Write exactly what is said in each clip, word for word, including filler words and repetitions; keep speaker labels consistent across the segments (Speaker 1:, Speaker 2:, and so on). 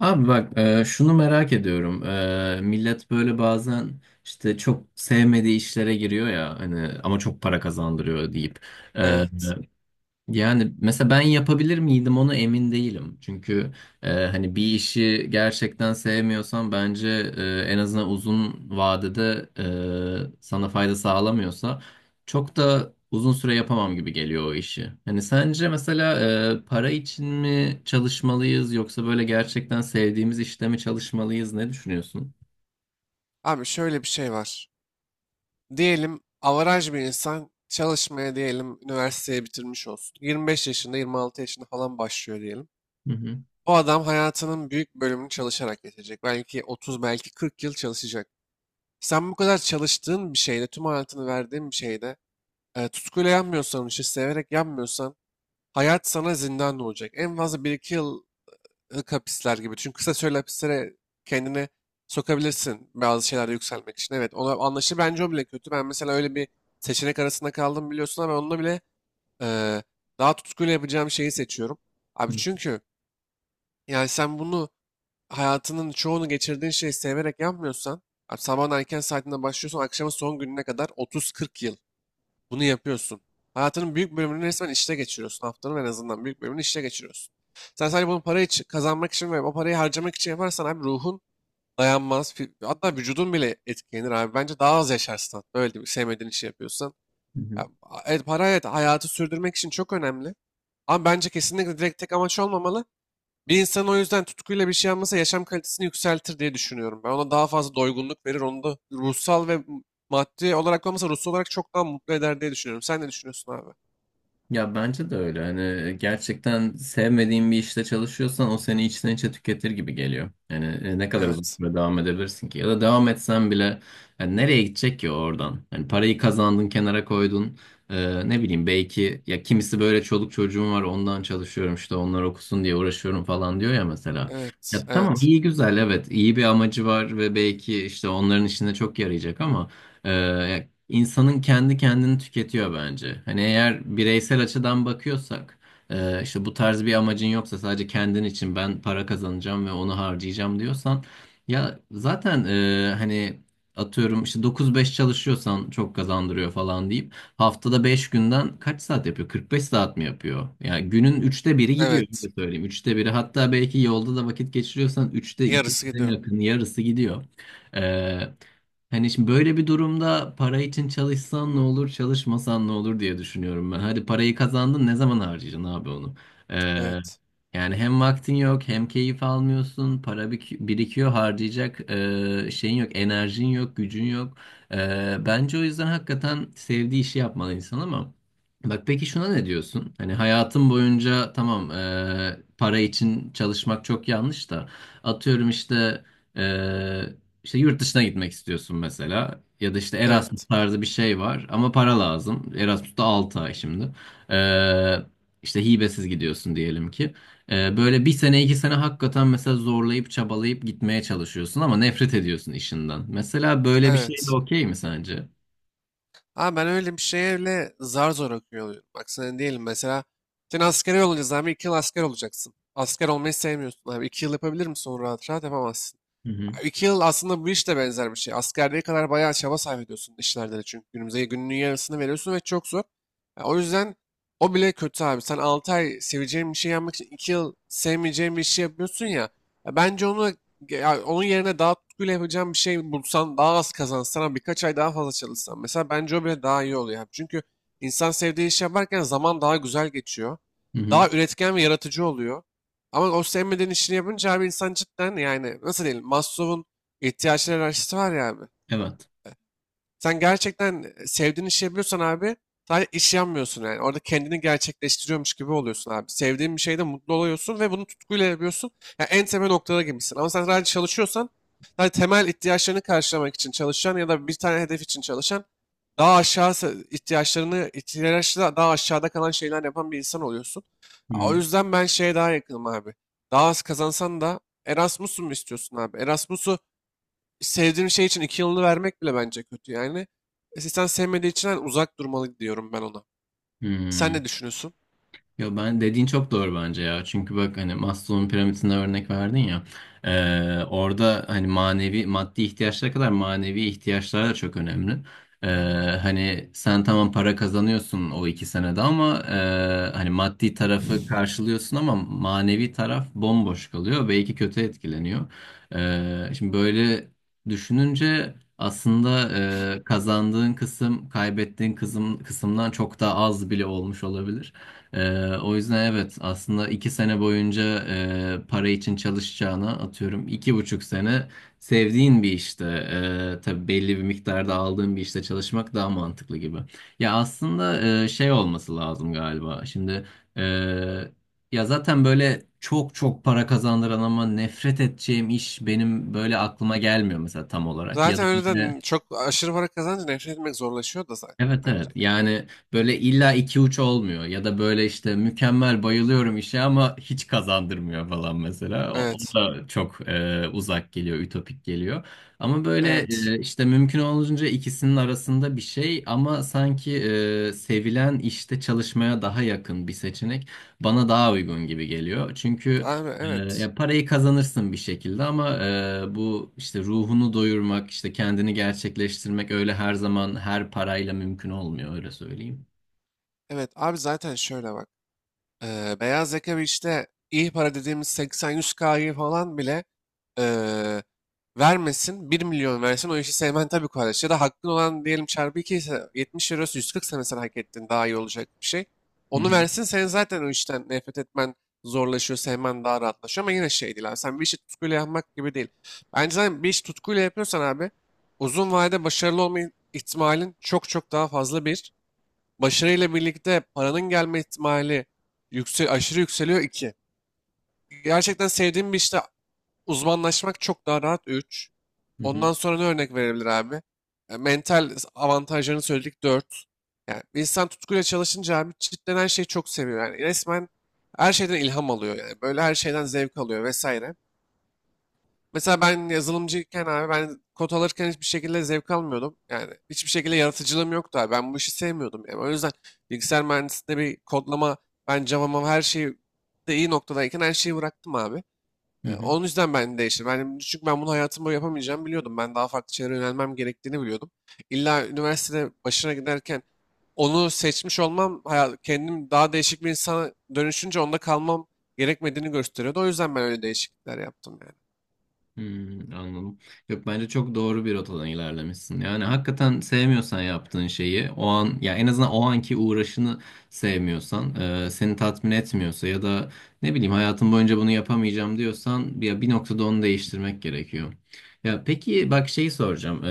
Speaker 1: Abi bak e, şunu merak ediyorum. E, millet böyle bazen işte çok sevmediği işlere giriyor ya hani ama çok para kazandırıyor deyip. E,
Speaker 2: Evet.
Speaker 1: Yani mesela ben yapabilir miydim onu emin değilim. Çünkü e, hani bir işi gerçekten sevmiyorsan bence e, en azından uzun vadede e, sana fayda sağlamıyorsa çok da uzun süre yapamam gibi geliyor o işi. Hani sence mesela e, para için mi çalışmalıyız yoksa böyle gerçekten sevdiğimiz işte mi çalışmalıyız, ne düşünüyorsun?
Speaker 2: Abi şöyle bir şey var. Diyelim avaraj bir insan çalışmaya diyelim üniversiteyi bitirmiş olsun. yirmi beş yaşında yirmi altı yaşında falan başlıyor diyelim.
Speaker 1: Hı hı.
Speaker 2: O adam hayatının büyük bölümünü çalışarak geçecek. Belki otuz belki kırk yıl çalışacak. Sen bu kadar çalıştığın bir şeyde tüm hayatını verdiğin bir şeyde e, tutkuyla yanmıyorsan işi severek yanmıyorsan hayat sana zindan olacak. En fazla bir iki yıl lık hapisler gibi. Çünkü kısa süreli hapislere kendini sokabilirsin bazı şeylerde yükselmek için. Evet ona anlaşılır. Bence o bile kötü. Ben mesela öyle bir seçenek arasında kaldım biliyorsun ama onunla bile eee, daha tutkuyla yapacağım şeyi seçiyorum. Abi
Speaker 1: Hı
Speaker 2: çünkü yani sen bunu hayatının çoğunu geçirdiğin şeyi severek yapmıyorsan abi sabahın erken saatinde başlıyorsan akşamın son gününe kadar otuz kırk yıl bunu yapıyorsun. Hayatının büyük bölümünü resmen işte geçiriyorsun. Haftanın en azından büyük bölümünü işte geçiriyorsun. Sen sadece bunu para için, kazanmak için ve o parayı harcamak için yaparsan abi ruhun dayanmaz. Fi- Hatta vücudun bile etkilenir abi. Bence daha az yaşarsın. Hatta, öyle değil mi? Sevmediğin işi yapıyorsan.
Speaker 1: hı.
Speaker 2: Ya, a- evet, para evet hayatı sürdürmek için çok önemli. Ama bence kesinlikle direkt tek amaç olmamalı. Bir insan o yüzden tutkuyla bir şey yapması yaşam kalitesini yükseltir diye düşünüyorum. Ben ona daha fazla doygunluk verir, onu da ruhsal ve maddi olarak olmasa ruhsal olarak çok daha mutlu eder diye düşünüyorum. Sen ne düşünüyorsun abi?
Speaker 1: Ya bence de öyle. Hani e, gerçekten sevmediğin bir işte çalışıyorsan o seni içten içe tüketir gibi geliyor. Yani e, ne kadar uzun
Speaker 2: Evet,
Speaker 1: süre devam edebilirsin ki? Ya da devam etsen bile yani nereye gidecek ki oradan? Yani parayı kazandın, kenara koydun. E, ne bileyim, belki ya kimisi böyle çoluk çocuğum var ondan çalışıyorum, işte onlar okusun diye uğraşıyorum falan diyor ya mesela.
Speaker 2: evet,
Speaker 1: Ya tamam,
Speaker 2: evet,
Speaker 1: iyi güzel, evet, iyi bir amacı var ve belki işte onların işine çok yarayacak ama e, insanın kendi kendini tüketiyor bence. Hani eğer bireysel açıdan bakıyorsak, e, işte bu tarz bir amacın yoksa sadece kendin için ben para kazanacağım ve onu harcayacağım diyorsan, ya zaten e, hani atıyorum işte dokuz beş çalışıyorsan çok kazandırıyor falan deyip haftada beş günden kaç saat yapıyor? kırk beş saat mi yapıyor? Yani günün üçte biri gidiyor,
Speaker 2: evet.
Speaker 1: öyle söyleyeyim. Üçte biri, hatta belki yolda da vakit geçiriyorsan üçte
Speaker 2: Yarısı
Speaker 1: ikisine
Speaker 2: gidiyor.
Speaker 1: yakın, yarısı gidiyor. E, Hani şimdi böyle bir durumda para için çalışsan ne olur, çalışmasan ne olur diye düşünüyorum ben. Hadi parayı kazandın, ne zaman harcayacaksın abi onu? Ee,
Speaker 2: Evet,
Speaker 1: Yani hem vaktin yok, hem keyif almıyorsun, para bik- birikiyor, harcayacak ee, şeyin yok, enerjin yok, gücün yok. Ee, bence o yüzden hakikaten sevdiği işi yapmalı insan ama. Bak peki şuna ne diyorsun? Hani hayatın boyunca tamam ee, para için çalışmak çok yanlış da atıyorum işte. e, işte yurt dışına gitmek istiyorsun mesela ya da işte Erasmus
Speaker 2: evet,
Speaker 1: tarzı bir şey var ama para lazım. Erasmus'ta da ay şimdi. Ee, işte hibesiz gidiyorsun diyelim ki. Ee, böyle bir sene iki sene hakikaten mesela zorlayıp çabalayıp gitmeye çalışıyorsun ama nefret ediyorsun işinden. Mesela böyle bir şey de
Speaker 2: evet.
Speaker 1: okey mi sence?
Speaker 2: Abi ben öyle bir şeye öyle zar zor okuyor oluyorum. Bak sen diyelim mesela sen askere yollanacağız abi iki yıl asker olacaksın. Asker olmayı sevmiyorsun abi. İki yıl yapabilir misin onu rahat rahat yapamazsın.
Speaker 1: Hı hı.
Speaker 2: İki yıl aslında bu iş de benzer bir şey. Askerliğe kadar bayağı çaba sarf ediyorsun işlerde de çünkü günümüze gününün yarısını veriyorsun ve çok zor. Ya o yüzden o bile kötü abi. Sen altı ay seveceğin bir şey yapmak için iki yıl sevmeyeceğin bir şey yapıyorsun ya. Ya bence onu ya onun yerine daha tutkuyla yapacağın bir şey bulsan, daha az kazansan ama birkaç ay daha fazla çalışsan. Mesela bence o bile daha iyi oluyor, abi. Çünkü insan sevdiği iş yaparken zaman daha güzel geçiyor.
Speaker 1: Hı hı.
Speaker 2: Daha üretken ve yaratıcı oluyor. Ama o sevmediğin işini yapınca abi insan cidden yani nasıl diyelim Maslow'un ihtiyaçlar hiyerarşisi var ya abi.
Speaker 1: Evet.
Speaker 2: Sen gerçekten sevdiğin işi yapıyorsan abi sadece iş yanmıyorsun yani. Orada kendini gerçekleştiriyormuş gibi oluyorsun abi. Sevdiğin bir şeyde mutlu oluyorsun ve bunu tutkuyla yapıyorsun. Yani en temel noktada gibisin. Ama sen sadece çalışıyorsan sadece temel ihtiyaçlarını karşılamak için çalışan ya da bir tane hedef için çalışan daha aşağı se- ihtiyaçlarını ihtiyaçla daha aşağıda kalan şeyler yapan bir insan oluyorsun.
Speaker 1: Hı
Speaker 2: O
Speaker 1: hı.
Speaker 2: yüzden ben şeye daha yakınım abi. Daha az kazansan da Erasmus'u mu istiyorsun abi? Erasmus'u sevdiğim şey için iki yılını vermek bile bence kötü yani. E, sen sevmediği için hani uzak durmalı diyorum ben ona. Sen
Speaker 1: Hı.
Speaker 2: ne düşünüyorsun?
Speaker 1: Yo, ben dediğin çok doğru bence ya. Çünkü bak hani Maslow'un piramidine örnek verdin ya. Ee, orada hani manevi maddi ihtiyaçlara kadar, manevi ihtiyaçlar da çok önemli. Ee, Hani sen tamam para kazanıyorsun o iki senede ama e, hani maddi tarafı karşılıyorsun ama manevi taraf bomboş kalıyor. Belki kötü etkileniyor. Ee, şimdi böyle düşününce aslında e, kazandığın kısım kaybettiğin kısım, kısımdan çok daha az bile olmuş olabilir. Ee, o yüzden evet, aslında iki sene boyunca e, para için çalışacağına atıyorum iki buçuk sene sevdiğin bir işte, e, tabii belli bir miktarda aldığın bir işte çalışmak daha mantıklı gibi. Ya aslında e, şey olması lazım galiba şimdi, e, ya zaten böyle çok çok para kazandıran ama nefret edeceğim iş benim böyle aklıma gelmiyor mesela tam olarak ya da
Speaker 2: Zaten öyle
Speaker 1: işte.
Speaker 2: de çok aşırı para kazanınca nefret etmek zorlaşıyor da zaten
Speaker 1: Evet evet,
Speaker 2: bence.
Speaker 1: yani böyle illa iki uç olmuyor ya da böyle işte mükemmel bayılıyorum işe ama hiç kazandırmıyor falan mesela o, o
Speaker 2: Evet.
Speaker 1: da çok e, uzak geliyor, ütopik geliyor ama böyle
Speaker 2: Evet.
Speaker 1: e, işte mümkün olunca ikisinin arasında bir şey ama sanki e, sevilen işte çalışmaya daha yakın bir seçenek bana daha uygun gibi geliyor çünkü
Speaker 2: Abi
Speaker 1: ee,
Speaker 2: evet.
Speaker 1: ya parayı kazanırsın bir şekilde ama e, bu işte ruhunu doyurmak, işte kendini gerçekleştirmek öyle her zaman her parayla mümkün olmuyor, öyle söyleyeyim.
Speaker 2: Evet abi zaten şöyle bak. Eee, beyaz yaka bir işte iyi para dediğimiz seksen-yüz K'yı falan bile eee, vermesin. Bir milyon versin o işi sevmen tabii kardeş. Ya da hakkın olan diyelim çarpı iki ise yetmiş eurosu yüz kırk sene sen hak ettin daha iyi olacak bir şey.
Speaker 1: Hı
Speaker 2: Onu
Speaker 1: hı,
Speaker 2: versin sen zaten o işten nefret etmen zorlaşıyor, sevmen daha rahatlaşıyor ama yine şey değil abi. Sen bir işi tutkuyla yapmak gibi değil. Bence zaten bir işi tutkuyla yapıyorsan abi uzun vadede başarılı olma ihtimalin çok çok daha fazla bir. Başarıyla birlikte paranın gelme ihtimali yüksel, aşırı yükseliyor iki. Gerçekten sevdiğim bir işte uzmanlaşmak çok daha rahat üç.
Speaker 1: hı hı,
Speaker 2: Ondan sonra ne örnek verebilir abi? E, mental avantajlarını söyledik dört. Yani bir insan tutkuyla çalışınca abi cidden her şeyi çok seviyor. Yani resmen her şeyden ilham alıyor yani. Böyle her şeyden zevk alıyor vesaire. Mesela ben yazılımcıyken abi ben kod alırken hiçbir şekilde zevk almıyordum. Yani hiçbir şekilde yaratıcılığım yoktu abi. Ben bu işi sevmiyordum. Yani o yüzden bilgisayar mühendisliğinde bir kodlama, ben Java'ma her şeyi de iyi noktadayken her şeyi bıraktım abi.
Speaker 1: hı
Speaker 2: E,
Speaker 1: hı.
Speaker 2: Onun yüzden ben değiştim. Ben, çünkü ben bunu hayatım boyu yapamayacağımı biliyordum. Ben daha farklı şeylere yönelmem gerektiğini biliyordum. İlla üniversitede başına giderken onu seçmiş olmam, hayat, kendim daha değişik bir insana dönüşünce onda kalmam gerekmediğini gösteriyordu. O yüzden ben öyle değişiklikler yaptım yani.
Speaker 1: Hmm, anladım. Yok, bence çok doğru bir rotadan ilerlemişsin. Yani hakikaten sevmiyorsan yaptığın şeyi o an, ya en azından o anki uğraşını sevmiyorsan, e, seni tatmin etmiyorsa ya da ne bileyim hayatım boyunca bunu yapamayacağım diyorsan ya bir noktada onu değiştirmek gerekiyor. Ya peki bak, şeyi soracağım.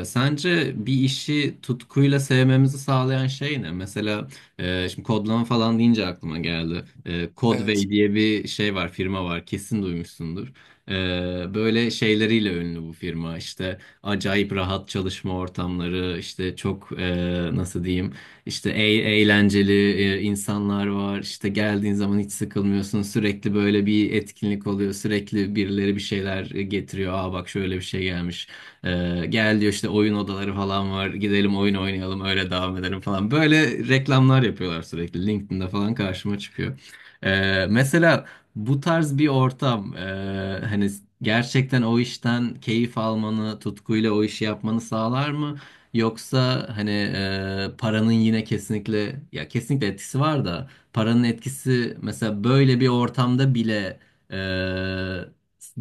Speaker 1: E, sence bir işi tutkuyla sevmemizi sağlayan şey ne? Mesela e, şimdi kodlama falan deyince aklıma geldi. E,
Speaker 2: Evet.
Speaker 1: Codeway diye bir şey var, firma var, kesin duymuşsundur. Ee, böyle şeyleriyle ünlü bu firma, işte acayip rahat çalışma ortamları, işte çok e, nasıl diyeyim, işte e- eğlenceli e, insanlar var, işte geldiğin zaman hiç sıkılmıyorsun, sürekli böyle bir etkinlik oluyor, sürekli birileri bir şeyler getiriyor, aa bak şöyle bir şey gelmiş, Ee, gel diyor, işte oyun odaları falan var, gidelim oyun oynayalım, öyle devam edelim falan, böyle reklamlar yapıyorlar sürekli, LinkedIn'de falan karşıma çıkıyor. Ee, mesela bu tarz bir ortam eee, hani gerçekten o işten keyif almanı, tutkuyla o işi yapmanı sağlar mı? Yoksa hani eee, paranın yine kesinlikle, ya kesinlikle etkisi var da paranın etkisi mesela böyle bir ortamda bile eee,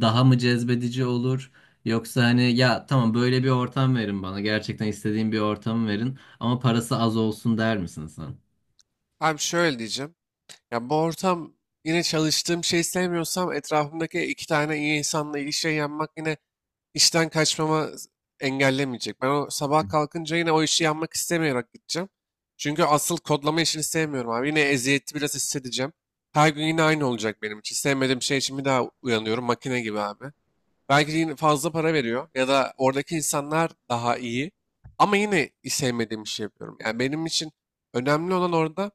Speaker 1: daha mı cezbedici olur? Yoksa hani ya tamam böyle bir ortam verin bana, gerçekten istediğim bir ortamı verin ama parası az olsun der misin sen?
Speaker 2: Abi şöyle diyeceğim. Ya bu ortam yine çalıştığım şeyi sevmiyorsam etrafımdaki iki tane iyi insanla ilişkiye yanmak yine işten kaçmama engellemeyecek. Ben o sabah kalkınca yine o işi yanmak istemeyerek gideceğim. Çünkü asıl kodlama işini sevmiyorum abi. Yine eziyeti biraz hissedeceğim. Her gün yine aynı olacak benim için. Sevmediğim şey için bir daha uyanıyorum makine gibi abi. Belki yine fazla para veriyor ya da oradaki insanlar daha iyi. Ama yine sevmediğim işi yapıyorum. Yani benim için önemli olan orada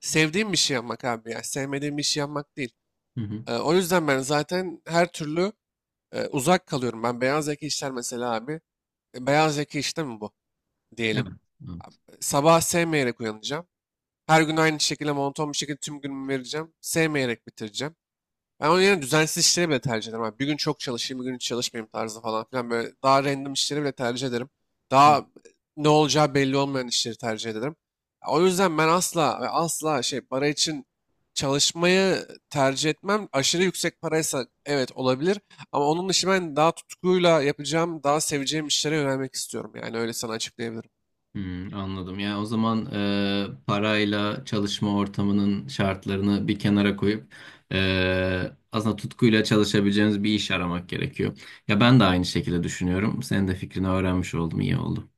Speaker 2: sevdiğim bir şey yapmak abi ya. Sevmediğim bir şey yapmak değil.
Speaker 1: Hı hı.
Speaker 2: Ee, o yüzden ben zaten her türlü e, uzak kalıyorum. Ben beyaz yaka işler mesela abi. E, Beyaz yaka işte mi bu
Speaker 1: Evet.
Speaker 2: diyelim. Abi,
Speaker 1: Evet.
Speaker 2: sabah sevmeyerek uyanacağım. Her gün aynı şekilde monoton bir şekilde tüm günümü vereceğim. Sevmeyerek bitireceğim. Ben onun yerine düzensiz işleri bile tercih ederim, abi. Bir gün çok çalışayım, bir gün hiç çalışmayayım tarzı falan filan. Böyle daha random işleri bile tercih ederim. Daha e, ne olacağı belli olmayan işleri tercih ederim. O yüzden ben asla ve asla şey para için çalışmayı tercih etmem. Aşırı yüksek paraysa evet olabilir. Ama onun dışı ben daha tutkuyla yapacağım, daha seveceğim işlere yönelmek istiyorum. Yani öyle sana açıklayabilirim.
Speaker 1: Hmm, anladım. Yani o zaman e, parayla çalışma ortamının şartlarını bir kenara koyup e, aslında tutkuyla çalışabileceğiniz bir iş aramak gerekiyor. Ya ben de aynı şekilde düşünüyorum. Senin de fikrini öğrenmiş oldum. İyi oldu.